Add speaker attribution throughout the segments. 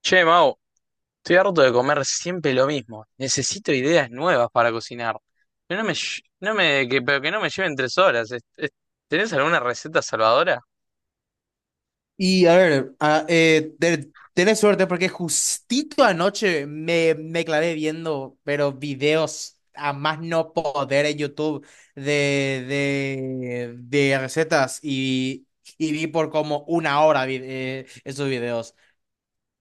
Speaker 1: Che, Mau, estoy harto de comer siempre lo mismo. Necesito ideas nuevas para cocinar. Que no me, lle- no me, que, pero que no me lleven 3 horas. ¿Tenés alguna receta salvadora?
Speaker 2: Y a ver, tenés suerte porque justito anoche me clavé viendo, pero videos a más no poder en YouTube de recetas y vi por como 1 hora esos videos.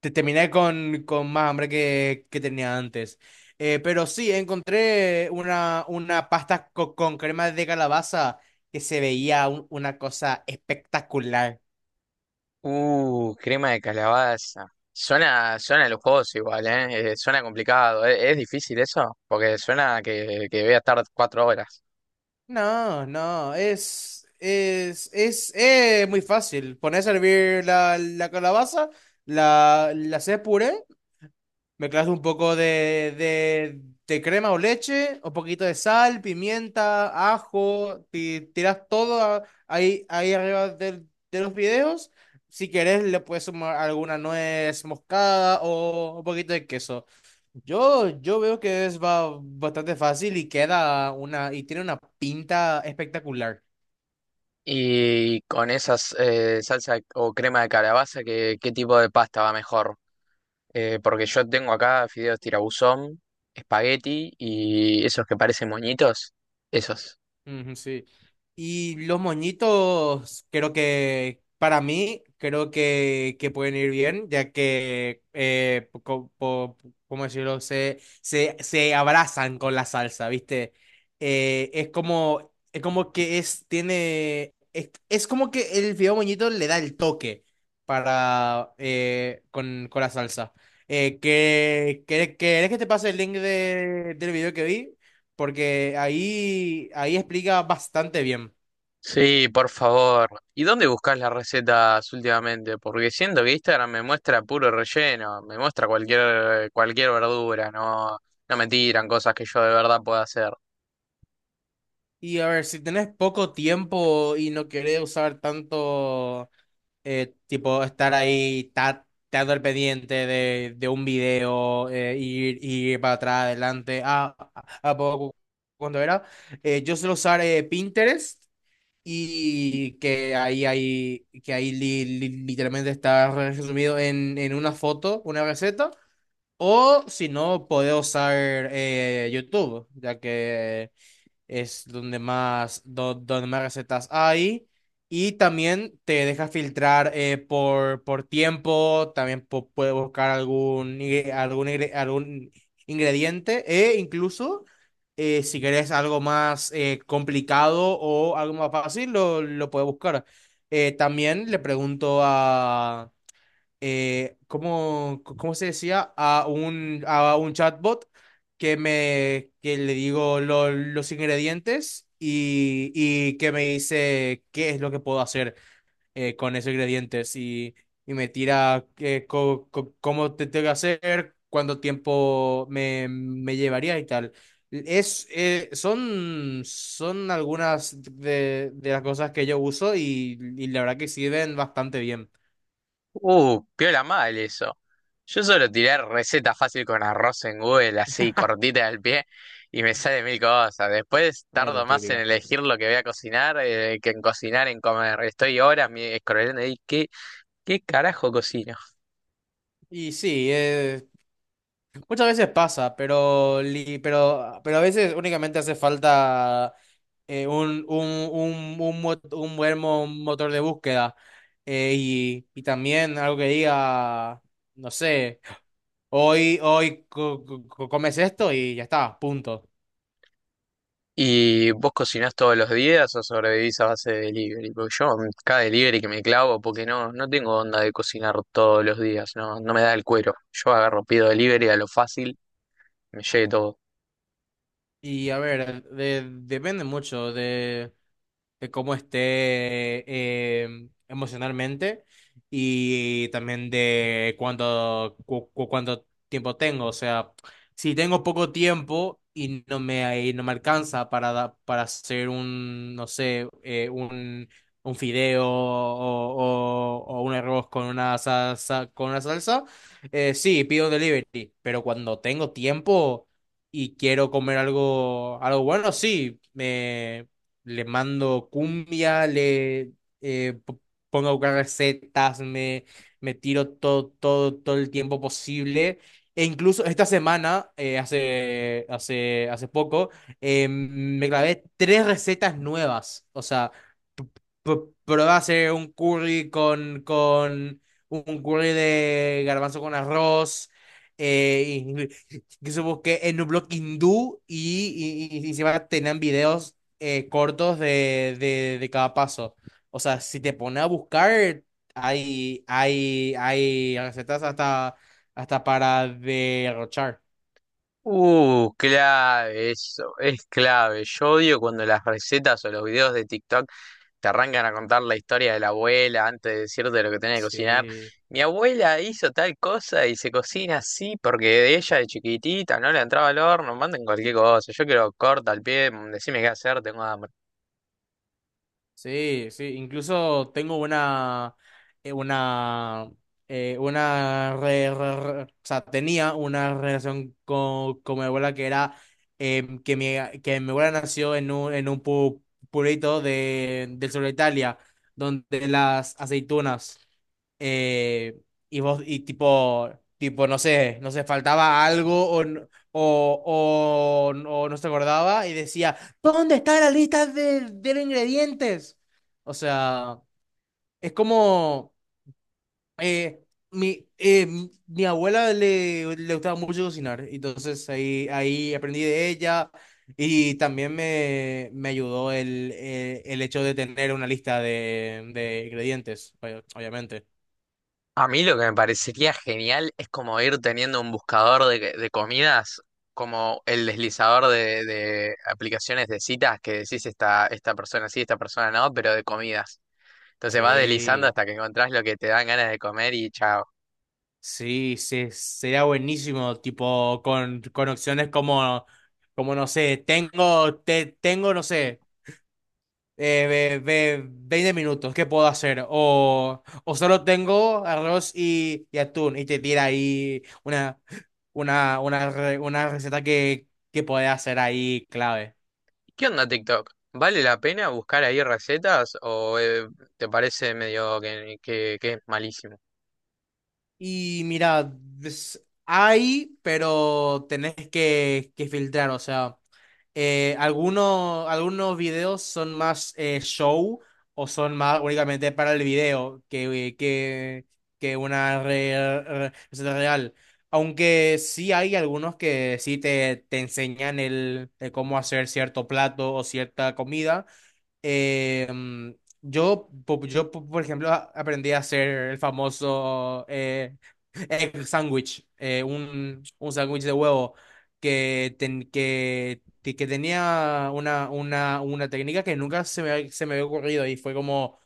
Speaker 2: Terminé con más hambre que tenía antes. Pero sí, encontré una pasta con crema de calabaza que se veía una cosa espectacular.
Speaker 1: Crema de calabaza. Suena lujoso igual, ¿eh? Suena complicado. ¿Es difícil eso? Porque suena que voy a estar 4 horas.
Speaker 2: No, no, es muy fácil. Pones a hervir la calabaza, la haces puré. Mezclas un poco de crema o leche, un poquito de sal, pimienta, ajo, tiras todo ahí arriba de los videos. Si querés, le puedes sumar alguna nuez moscada o un poquito de queso. Yo veo que es bastante fácil y tiene una pinta espectacular.
Speaker 1: Y con esas salsa o crema de calabaza, ¿qué tipo de pasta va mejor? Porque yo tengo acá fideos tirabuzón, espagueti y esos que parecen moñitos. Esos.
Speaker 2: Ujú, sí. Y los moñitos, creo que para mí, creo que pueden ir bien, ¿cómo decirlo? Se abrazan con la salsa, ¿viste? Es como que el fideo moñito le da el toque para, con la salsa. ¿querés que te pase el link del video que vi? Porque ahí explica bastante bien.
Speaker 1: Sí, por favor. ¿Y dónde buscas las recetas últimamente? Porque siento que Instagram me muestra puro relleno, me muestra cualquier verdura, no me tiran cosas que yo de verdad pueda hacer.
Speaker 2: Y a ver, si tenés poco tiempo y no querés usar tanto, tipo, estar ahí tanto al pendiente de un video, ir para atrás, adelante, a poco, cuando era, yo suelo usar Pinterest. Hay que ahí literalmente está resumido en una foto, una receta. O si no, podés usar YouTube, ya que es donde más recetas hay. Y también te deja filtrar por tiempo, también puedes buscar algún ingrediente, e incluso si querés algo más complicado o algo más fácil, lo puedes buscar. También le pregunto ¿cómo se decía? A un chatbot que me que le digo los ingredientes y que me dice qué es lo que puedo hacer con esos ingredientes, y me tira cómo te tengo que hacer, cuánto tiempo me llevaría y tal. Son algunas de las cosas que yo uso, y la verdad que sirven bastante bien.
Speaker 1: Piola mal eso. Yo solo tiré receta fácil con arroz en Google, así cortita al pie, y me sale mil cosas. Después
Speaker 2: Es la
Speaker 1: tardo más en
Speaker 2: típica.
Speaker 1: elegir lo que voy a cocinar que en cocinar, en comer. Estoy horas scrollando y ¿qué carajo cocino?
Speaker 2: Y sí, muchas veces pasa, pero a veces únicamente hace falta eh, un, un, un buen motor de búsqueda, y también algo que diga, no sé, hoy comes esto y ya está, punto.
Speaker 1: ¿Y vos cocinás todos los días o sobrevivís a base de delivery? Porque yo cada delivery que me clavo, porque no tengo onda de cocinar todos los días, no me da el cuero. Yo agarro, pido delivery a lo fácil, me llegue todo.
Speaker 2: Y a ver, depende mucho de cómo esté emocionalmente y también de cuánto tiempo tengo. O sea, si tengo poco tiempo y y no me alcanza para hacer un, no sé, un, fideo, o un arroz con una salsa, sí, pido un delivery. Pero cuando tengo tiempo y quiero comer algo bueno, sí, le mando cumbia, eh, p- pongo a buscar recetas, me tiro todo, todo, todo el tiempo posible. E incluso esta semana, hace, hace poco, me grabé tres recetas nuevas. O sea, p- probé a hacer un curry con un curry de garbanzo con arroz. Eh, que supongo que en un blog hindú, y encima tenían videos cortos de cada paso. O sea, si te pones a buscar, hay recetas hasta para derrochar.
Speaker 1: Clave, eso es clave. Yo odio cuando las recetas o los videos de TikTok te arrancan a contar la historia de la abuela antes de decirte lo que tenés que cocinar.
Speaker 2: Sí.
Speaker 1: Mi abuela hizo tal cosa y se cocina así porque de ella de chiquitita no le entraba al horno, manden cualquier cosa. Yo quiero corta al pie, decime qué hacer, tengo hambre.
Speaker 2: Sí, sí, incluso tengo eh, una, una, o sea, tenía una relación con mi abuela que era em, que mi abuela nació en un pueblito del sur de Italia, donde las aceitunas, eh, y tipo, no sé, no sé, faltaba algo o, n- o no se acordaba y decía: ¿Dónde está la lista de los ingredientes? O sea, es como eh, mi abuela le gustaba mucho cocinar, entonces ahí aprendí de ella, y también me ayudó el hecho de tener una lista de ingredientes, obviamente.
Speaker 1: A mí lo que me parecería genial es como ir teniendo un buscador de comidas, como el deslizador de aplicaciones de citas que decís esta persona sí, esta persona no, pero de comidas. Entonces vas deslizando
Speaker 2: Sí,
Speaker 1: hasta que encontrás lo que te dan ganas de comer y chao.
Speaker 2: sí, sí, sería buenísimo, tipo con opciones como, como no sé, tengo, no sé. eh, 20 minutos, ¿qué puedo hacer? O solo tengo arroz y atún, y te tira ahí una receta que puedes hacer ahí, clave.
Speaker 1: ¿Qué onda TikTok? ¿Vale la pena buscar ahí recetas o te parece medio que es malísimo?
Speaker 2: Y mira, hay, pero tenés que filtrar, o sea, algunos videos son más show, o son más únicamente para el video que una receta real. Aunque sí hay algunos que sí te enseñan el cómo hacer cierto plato o cierta comida. eh, por ejemplo, aprendí a hacer el famoso egg sandwich, un sándwich de huevo que tenía una técnica que nunca se me había ocurrido, y fue como,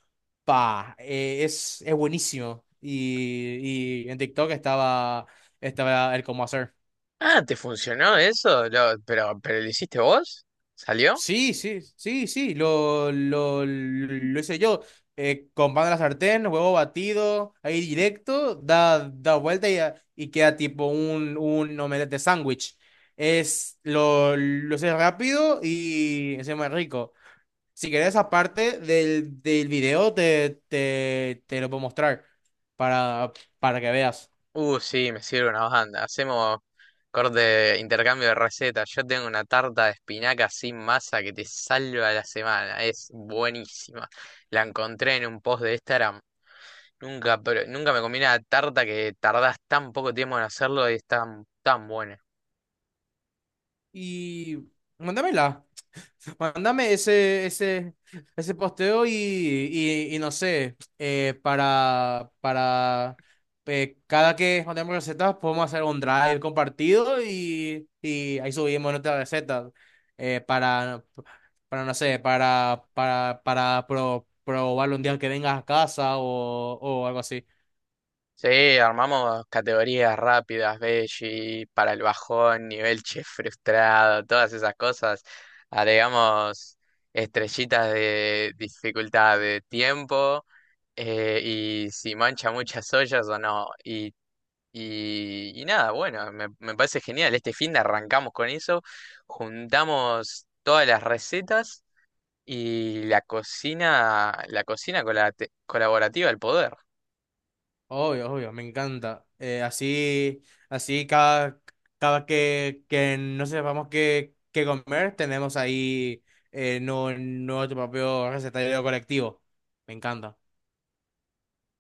Speaker 2: es buenísimo. Y en TikTok estaba, estaba el cómo hacer.
Speaker 1: Ah, ¿te funcionó eso? Pero, ¿pero lo hiciste vos? ¿Salió?
Speaker 2: Sí, sí, sí, sí, lo hice yo. Con pan de la sartén, huevo batido, ahí directo, da vuelta y queda tipo un omelette de sándwich. Lo hice rápido, y encima es muy rico. Si querés, aparte del video, te lo puedo mostrar para, para que veas.
Speaker 1: Sí, me sirve una banda. Hacemos corte, intercambio de recetas. Yo tengo una tarta de espinaca sin masa que te salva la semana. Es buenísima. La encontré en un post de Instagram. Nunca, pero nunca me comí una tarta que tardás tan poco tiempo en hacerlo y es tan, tan buena.
Speaker 2: Y mándamela. Mándame ese posteo, y no sé, para cada que mandemos recetas podemos hacer un drive compartido, y ahí subimos nuestras recetas, eh, para, no sé, probarlo un día que vengas a casa, o algo así.
Speaker 1: Sí, armamos categorías rápidas, veggie, para el bajón, nivel chef frustrado, todas esas cosas. Agregamos estrellitas de dificultad de tiempo y si mancha muchas ollas o no. Y nada, bueno, me parece genial. Este fin de arrancamos con eso, juntamos todas las recetas y la cocina con colaborativa al poder.
Speaker 2: Obvio, obvio, me encanta. Así cada que no sepamos qué, qué comer, tenemos ahí nuestro propio recetario colectivo. Me encanta.